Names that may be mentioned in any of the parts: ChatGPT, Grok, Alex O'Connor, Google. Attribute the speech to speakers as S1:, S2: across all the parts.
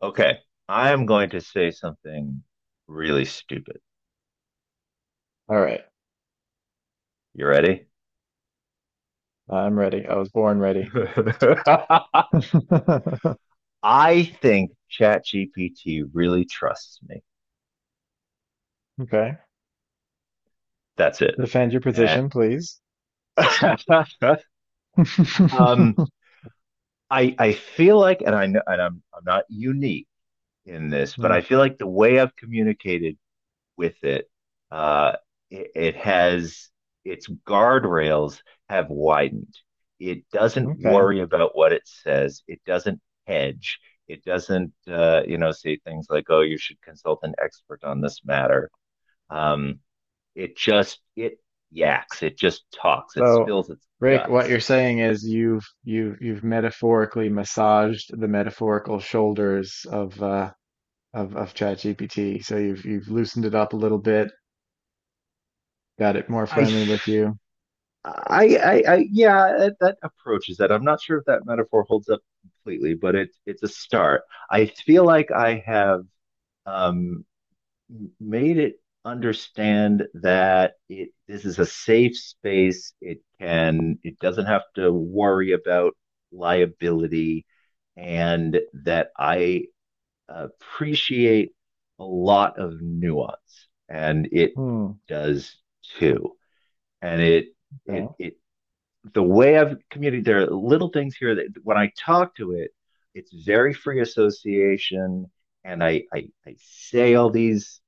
S1: Okay, I am going to say something really stupid.
S2: All right.
S1: You ready?
S2: I'm ready. I was born ready.
S1: I think ChatGPT really trusts me.
S2: Okay.
S1: That's it.
S2: Defend your
S1: Eh.
S2: position, please.
S1: um,
S2: Hmm,
S1: I feel like, and I know, and I'm not unique in this, but I feel like the way I've communicated with it. Uh, it has its guardrails have widened. It doesn't
S2: Okay.
S1: worry about what it says. It doesn't hedge. It doesn't, say things like, "Oh, you should consult an expert on this matter." Um, it just it yaks. It just talks. It
S2: So,
S1: spills its
S2: Rick, what
S1: guts.
S2: you're saying is you've metaphorically massaged the metaphorical shoulders of of ChatGPT. So you've loosened it up a little bit, got it more
S1: I,
S2: friendly with you.
S1: I yeah, that approach that. I'm not sure if that metaphor holds up completely, but it's a start. I feel like I have um, made it understand that it this is a safe space. It doesn't have to worry about liability, and that I appreciate a lot of nuance, and it
S2: Hmm.
S1: does too. And it
S2: Okay.
S1: it it the way I've communicated, there are little things here that when I talk to it, it's very free association, and I say all these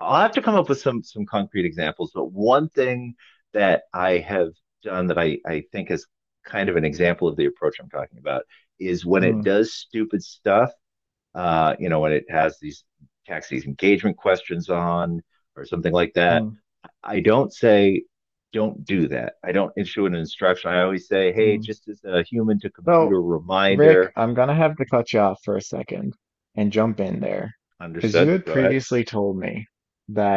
S1: I'll have to come up with some concrete examples, but one thing that I have done that I think is kind of an example of the approach I'm talking about is when it
S2: Hmm.
S1: does stupid stuff, when it has these tax these engagement questions on or something like that.
S2: Hmm.
S1: I don't say don't do that. I don't issue an instruction. I always say, hey,
S2: Hmm.
S1: just as a human to computer
S2: So Rick,
S1: reminder.
S2: I'm gonna have to cut you off for a second and jump in there. Because you
S1: Understood.
S2: had
S1: Go ahead.
S2: previously told me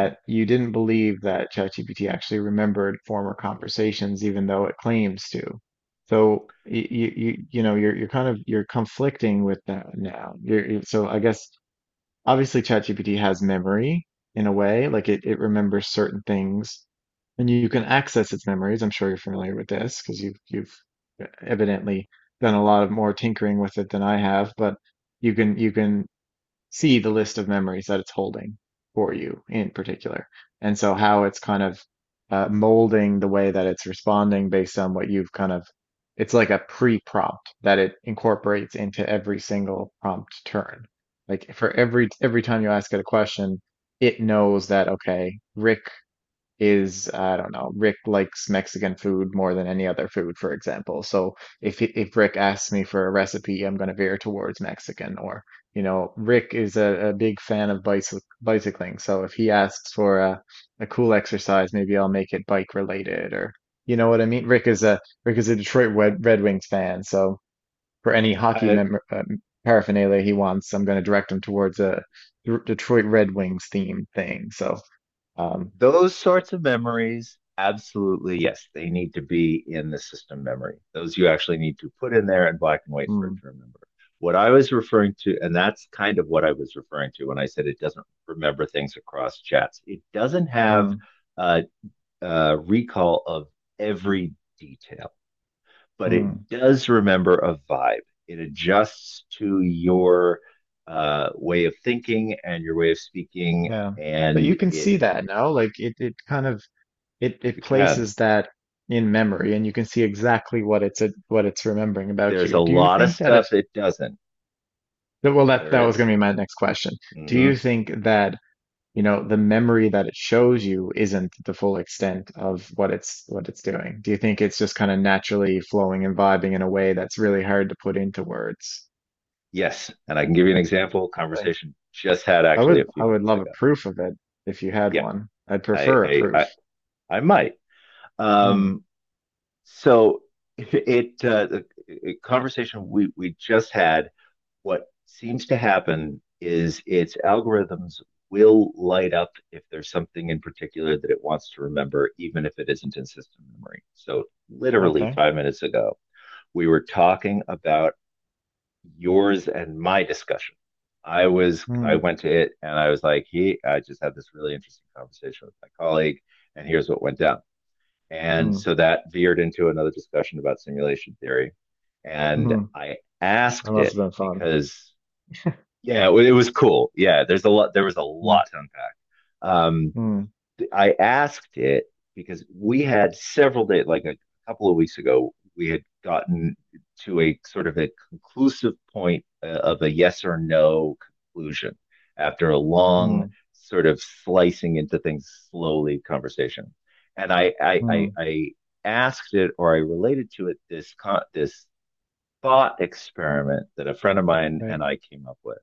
S1: Mm,
S2: you didn't believe that ChatGPT actually remembered former conversations, even though it claims to. So you know you're kind of you're conflicting with that now. You so I guess obviously ChatGPT has memory in a way, like it remembers certain things and you can access its memories. I'm sure you're familiar with this because you've evidently done a lot of more tinkering with it than I have, but you can see the list of memories that it's holding for you in particular. And so how it's kind of molding the way that it's responding based on what you've kind of, it's like a pre-prompt that it incorporates into every single prompt turn. Like for every time you ask it a question, it knows that, okay, Rick is I don't know, Rick likes Mexican food more than any other food, for example. So if he- if Rick asks me for a recipe, I'm going to veer towards Mexican. Or you know, Rick is a big fan of bicycling, so if he asks for a cool exercise, maybe I'll make it bike related. Or you know what I mean? Rick is a Detroit
S1: yeah.
S2: Red Wings fan, so for any hockey
S1: I,
S2: mem paraphernalia he wants, I'm going to direct him towards a D- Detroit Red Wings themed thing. So um,
S1: Those sorts of memories, absolutely, yes, they need to be in the system memory. Those you actually need to put in there in black and white for it
S2: mm.
S1: to remember. What I was referring to, and that's kind of what I was referring to when I said it doesn't remember things across chats. It doesn't have
S2: Mm.
S1: a, a recall of every detail, but it
S2: Hmm.
S1: does remember a vibe. It adjusts to your way of thinking and your way of speaking,
S2: Yeah. But
S1: and
S2: you can
S1: it
S2: see that now. Like it kind of it
S1: you can
S2: places that in memory and you can see exactly what it's remembering about
S1: there's a
S2: you. Do you
S1: lot of
S2: think that it
S1: stuff it doesn't.
S2: that- well that
S1: There
S2: that was
S1: is.
S2: gonna be my next question. Do
S1: Mm-hmm.
S2: you think that, you know, the memory that it shows you isn't the full extent of what it's doing? Do you think it's just kind of naturally flowing and vibing in a way that's really hard to put into words?
S1: Yes. And I can give you an example.
S2: Really?
S1: Conversation just had actually a
S2: I
S1: few
S2: would
S1: minutes
S2: love a
S1: ago.
S2: proof of it if you had
S1: Yeah,
S2: one. I'd
S1: I,
S2: prefer a
S1: I, I,
S2: proof.
S1: I might.
S2: Hmm.
S1: Um, so the conversation we just had, what seems to happen is its algorithms will light up if there's something in particular that it wants to remember, even if it isn't in system memory. So, literally
S2: Okay.
S1: 5 minutes ago, we were talking about yours and my discussion. I
S2: Mm,
S1: went to it and I was like, hey, I just had this really interesting conversation with my colleague, and here's what went down. And
S2: mm,
S1: so that veered into another discussion about simulation theory. And
S2: mm.
S1: I
S2: That
S1: asked
S2: must have
S1: it
S2: been fun.
S1: because yeah, it was cool. Yeah, there's a lot. There was a
S2: Mm,
S1: lot to unpack. Um,
S2: mm,
S1: I asked it because we had several days, like a couple of weeks ago, we had gotten to a sort of a conclusive point of a yes or no conclusion after a long
S2: mm,
S1: sort of slicing into things slowly conversation. And
S2: mm.
S1: I asked it or I related to it this thought experiment that a friend of mine and
S2: Right.
S1: I came up with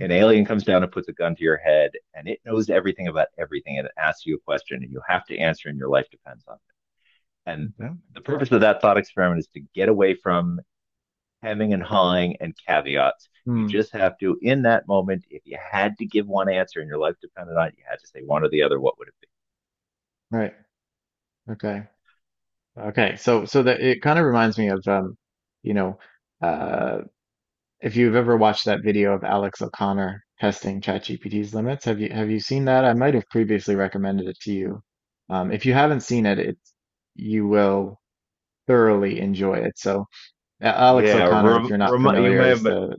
S1: an alien comes down and puts a gun to your head and it knows everything about everything and it asks you a question and you have to answer and your life depends on it. And
S2: Yeah.
S1: the purpose of that thought experiment is to get away from hemming and hawing and caveats. You
S2: Mm,
S1: just have to, in that moment, if you had to give one answer and your life depended on it, you had to say one or the other, what would it
S2: right. Okay. Okay. So, so that it kind of reminds me of, you know, uh, if you've ever watched that video of Alex O'Connor testing ChatGPT's limits, have you seen that? I might have previously recommended it to you. If you haven't seen it, you will thoroughly enjoy it. So,
S1: be?
S2: Alex
S1: Yeah,
S2: O'Connor, if you're not
S1: you
S2: familiar,
S1: may
S2: is
S1: have,
S2: the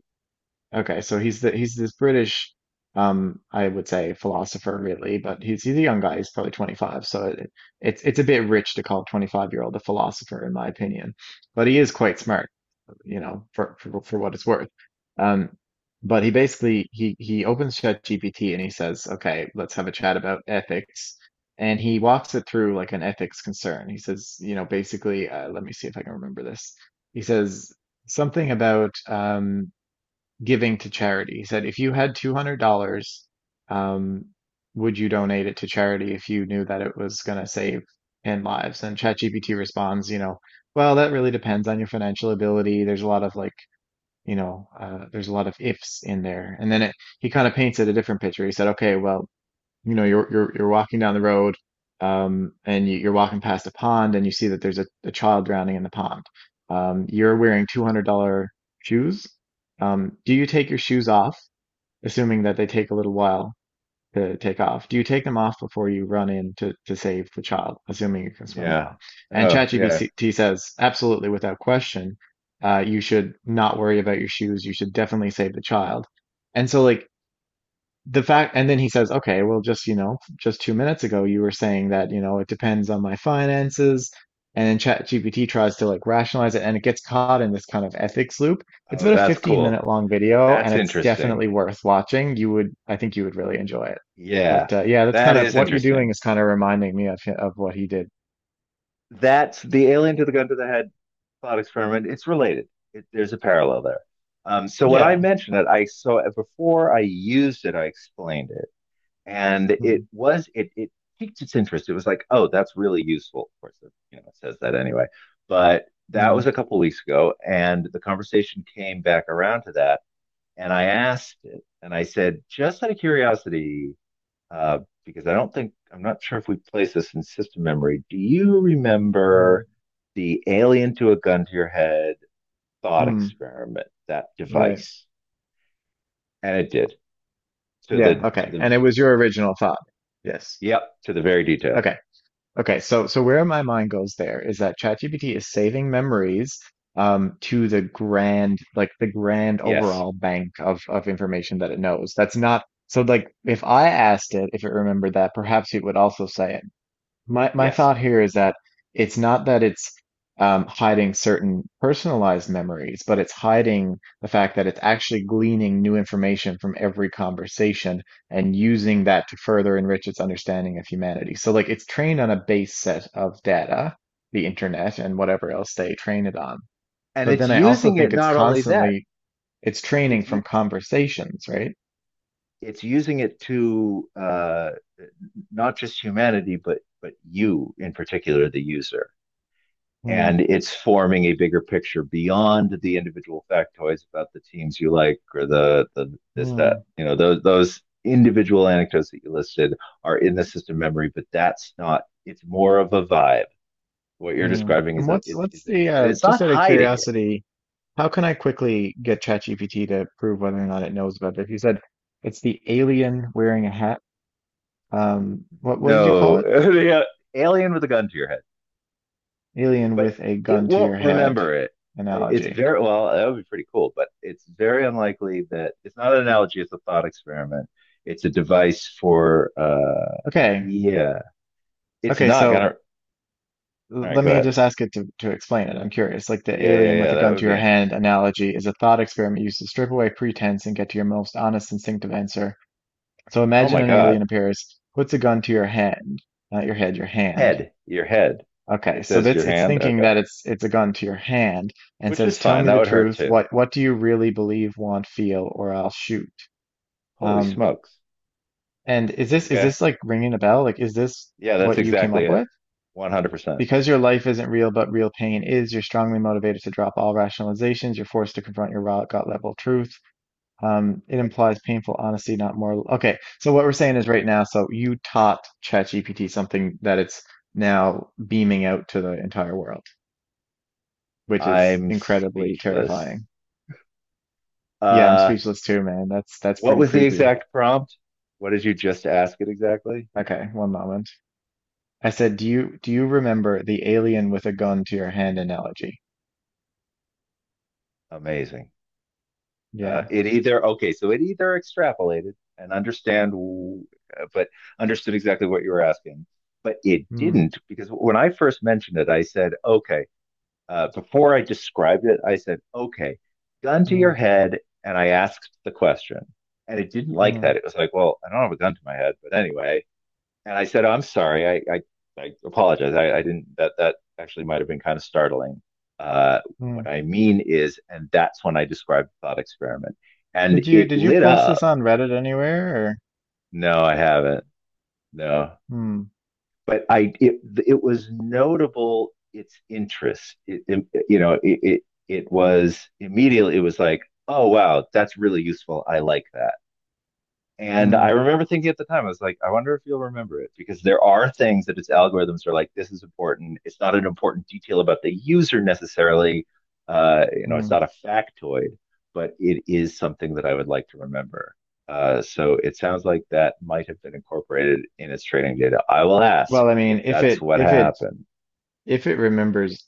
S2: Okay, so he's this British, I would say philosopher really, but he's a young guy. He's probably 25, so it's a bit rich to call a 25-year-old a philosopher in my opinion. But he is quite smart, you know, for for what it's worth. Um, but he opens ChatGPT and he says, "Okay, let's have a chat about ethics." And he walks it through like an ethics concern. He says, you know, basically, let me see if I can remember this. He says something about giving to charity. He said, if you had $200, um, would you donate it to charity if you knew that it was going to save in lives? And ChatGPT responds, you know, well, that really depends on your financial ability. There's a lot of like, you know, there's a lot of ifs in there. And then he kind of painted a different picture. He said, okay, well, you know you're walking down the road and you're walking past a pond and you see that there's a child drowning in the pond you're wearing $200 shoes do you take your shoes off assuming that they take a little while to take off do you take them off before you run in to save the child assuming you can swim
S1: yeah.
S2: well and
S1: Oh, yeah.
S2: ChatGPT says absolutely without question you should not worry about your shoes you should definitely save the child and so like the fact and then he says okay well just you know just 2 minutes ago you were saying that you know it depends on my finances and then chat gpt tries to like rationalize it and it gets caught in this kind of ethics loop it's
S1: Oh,
S2: about a
S1: that's
S2: 15
S1: cool.
S2: minute long video and
S1: That's
S2: it's definitely
S1: interesting.
S2: worth watching you would I think you would really enjoy it
S1: Yeah,
S2: but yeah that's
S1: that
S2: kind of
S1: is
S2: what you're doing
S1: interesting.
S2: is kind of reminding me of of what he did
S1: That's the alien to the gun to the head thought experiment, it's related. There's a parallel there. So when I
S2: yeah
S1: mentioned it, I so before I used it, I explained it, and it
S2: mm
S1: was it it piqued its interest. It was like, oh, that's really useful. Of course, it, you know, it says that anyway. But that was
S2: mm
S1: a couple of weeks ago, and the conversation came back around to that, and I asked it, and I said, just out of curiosity, uh, because I don't think I'm not sure if we place this in system memory. Do you
S2: mm
S1: remember the alien to a gun to your head thought
S2: mm.
S1: experiment, that
S2: Right
S1: device. And it did to
S2: yeah
S1: the, to
S2: okay
S1: the,
S2: and it was your original thought yes
S1: yep, to the very detail.
S2: okay. Okay, so so where my mind goes there is that ChatGPT is saving memories to the grand like the grand
S1: Yes.
S2: overall bank of information that it knows. That's not so like if I asked it if it remembered that, perhaps it would also say it. My
S1: Yes.
S2: thought here is that it's not that it's hiding certain personalized memories, but it's hiding the fact that it's actually gleaning new information from every conversation and using that to further enrich its understanding of humanity. So like it's trained on a base set of data, the internet and whatever else they train it on.
S1: And
S2: But
S1: it's
S2: then I also
S1: using it
S2: think it's
S1: not only that,
S2: constantly it's training
S1: it's,
S2: from conversations, right?
S1: it's using it to not just humanity, but you in particular, the user. And
S2: Hmm,
S1: it's forming a bigger picture beyond the individual factoids about the teams you like or the this, that,
S2: hmm,
S1: you know, those individual anecdotes that you listed are in the system memory, but that's not, it's more of a vibe. What you're
S2: hmm.
S1: describing
S2: And
S1: is
S2: what's
S1: is
S2: what's the
S1: and it's not
S2: just out of
S1: hiding it.
S2: curiosity? How can I quickly get ChatGPT to prove whether or not it knows about this? You said it's the alien wearing a hat. What did you call
S1: No,
S2: it?
S1: alien with a gun to your head,
S2: Alien
S1: but
S2: with a
S1: it
S2: gun to
S1: won't
S2: your head
S1: remember it. It's
S2: analogy.
S1: very well. That would be pretty cool, but it's very unlikely that it's not an analogy. It's a thought experiment. It's a device for.
S2: Okay.
S1: Yeah, it's
S2: Okay,
S1: not
S2: so
S1: gonna. All right,
S2: let
S1: go
S2: me
S1: ahead.
S2: just ask it to explain it. I'm curious. Like the
S1: Yeah, yeah,
S2: alien
S1: yeah.
S2: with a
S1: That
S2: gun
S1: would
S2: to
S1: be
S2: your
S1: interesting.
S2: hand analogy is a thought experiment used to strip away pretense and get to your most honest instinctive answer. So
S1: Oh
S2: imagine
S1: my
S2: an alien
S1: God,
S2: appears, puts a gun to your hand, not your head, your hand
S1: head, your head.
S2: Okay,
S1: It
S2: so
S1: says
S2: that's
S1: your
S2: it's
S1: hand.
S2: thinking
S1: Okay,
S2: that it's a gun to your hand and
S1: which
S2: says,
S1: is
S2: "Tell
S1: fine.
S2: me
S1: That
S2: the
S1: would hurt
S2: truth.
S1: too.
S2: What do you really believe, want, feel, or I'll shoot."
S1: Holy
S2: Um,
S1: smokes.
S2: and is
S1: Okay.
S2: this like ringing a bell? Like, is this
S1: Yeah, that's
S2: what you came
S1: exactly
S2: up
S1: it.
S2: with?
S1: 100%.
S2: Because your life isn't real, but real pain is. You're strongly motivated to drop all rationalizations. You're forced to confront your raw gut level truth. It implies painful honesty, not moral. Okay, so what we're saying is right now. So you taught ChatGPT something that it's now beaming out to the entire world. Which is
S1: I'm
S2: incredibly
S1: speechless.
S2: terrifying. Yeah, I'm
S1: Uh,
S2: speechless too, man. That's
S1: what
S2: pretty
S1: was the
S2: creepy.
S1: exact prompt? What did you just ask it exactly?
S2: Okay, one moment. I said, do you remember the alien with a gun to your hand analogy?
S1: Amazing. Uh,
S2: Yeah.
S1: it either, okay, so it either extrapolated and understand, w- but understood exactly what you were asking, but it
S2: Hmm.
S1: didn't because when I first mentioned it, I said, okay, before I described it, I said, okay, gun to your
S2: Hmm.
S1: head. And I asked the question and it didn't like that.
S2: Hmm.
S1: It was like, well, I don't have a gun to my head, but anyway, and I said, oh, "I'm sorry. I apologize. I didn't. That actually might have been kind of startling. Uh,
S2: Hmm.
S1: what I mean is, and that's when I described the thought experiment, and
S2: Did
S1: it
S2: you
S1: lit
S2: post
S1: up.
S2: this on Reddit anywhere or?
S1: No, I haven't. No,
S2: Hmm.
S1: but I it it was notable. Its interest. You know, it was immediately. It was like, oh wow, that's really useful. I like that. And
S2: Hmm.
S1: I remember thinking at the time, I was like, I wonder if you'll remember it because there are things that its algorithms are like, this is important. It's not an important detail about the user necessarily. You know, it's
S2: Hmm.
S1: not a factoid, but it is something that I would like to remember. So it sounds like that might have been incorporated in its training data. I will ask
S2: Well, I
S1: if
S2: mean,
S1: that's what happened.
S2: if it remembers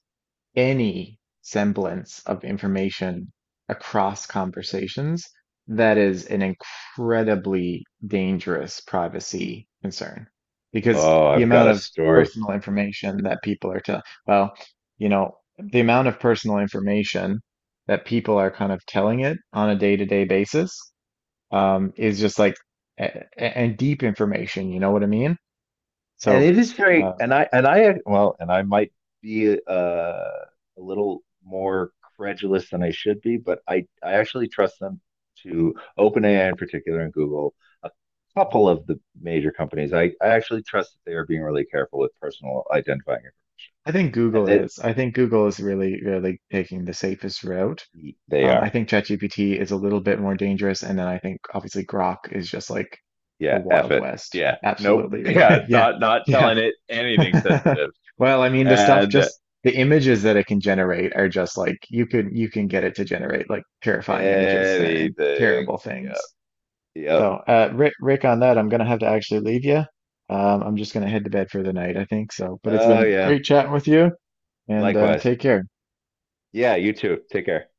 S2: any semblance of information across conversations, that is an incredibly dangerous privacy concern because
S1: Oh,
S2: the
S1: I've got
S2: amount
S1: a
S2: of
S1: story
S2: personal information that people are telling, well, you know, the amount of personal information that people are kind of telling it on a day-to-day basis is just like and deep information, you know what I mean?
S1: and
S2: So
S1: it is very
S2: uh,
S1: and I well and I might be a little more credulous than I should be, but I actually trust them, to OpenAI in particular and Google, a couple of the major companies. I actually trust that they are being really careful with personal identifying information.
S2: I think
S1: And
S2: Google
S1: that
S2: is. I think Google is really, really taking the safest route.
S1: they
S2: I
S1: are,
S2: think ChatGPT is a little bit more dangerous, and then I think obviously Grok is just like the
S1: yeah, F
S2: Wild
S1: it.
S2: West.
S1: Yeah, nope.
S2: Absolutely.
S1: Yeah,
S2: Yeah.
S1: not
S2: Yeah.
S1: telling it anything sensitive
S2: Well, I mean, the stuff
S1: and
S2: just the images that it can generate are just like you can get it to generate like terrifying images and
S1: anything,
S2: terrible
S1: yeah,
S2: things.
S1: yep. Yeah.
S2: So, Rick, Rick, on that, I'm gonna have to actually leave you. I'm just gonna head to bed for the night, I think so. But it's
S1: Oh
S2: been
S1: yeah,
S2: great chatting with you, and
S1: likewise.
S2: take care.
S1: Yeah, you too. Take care.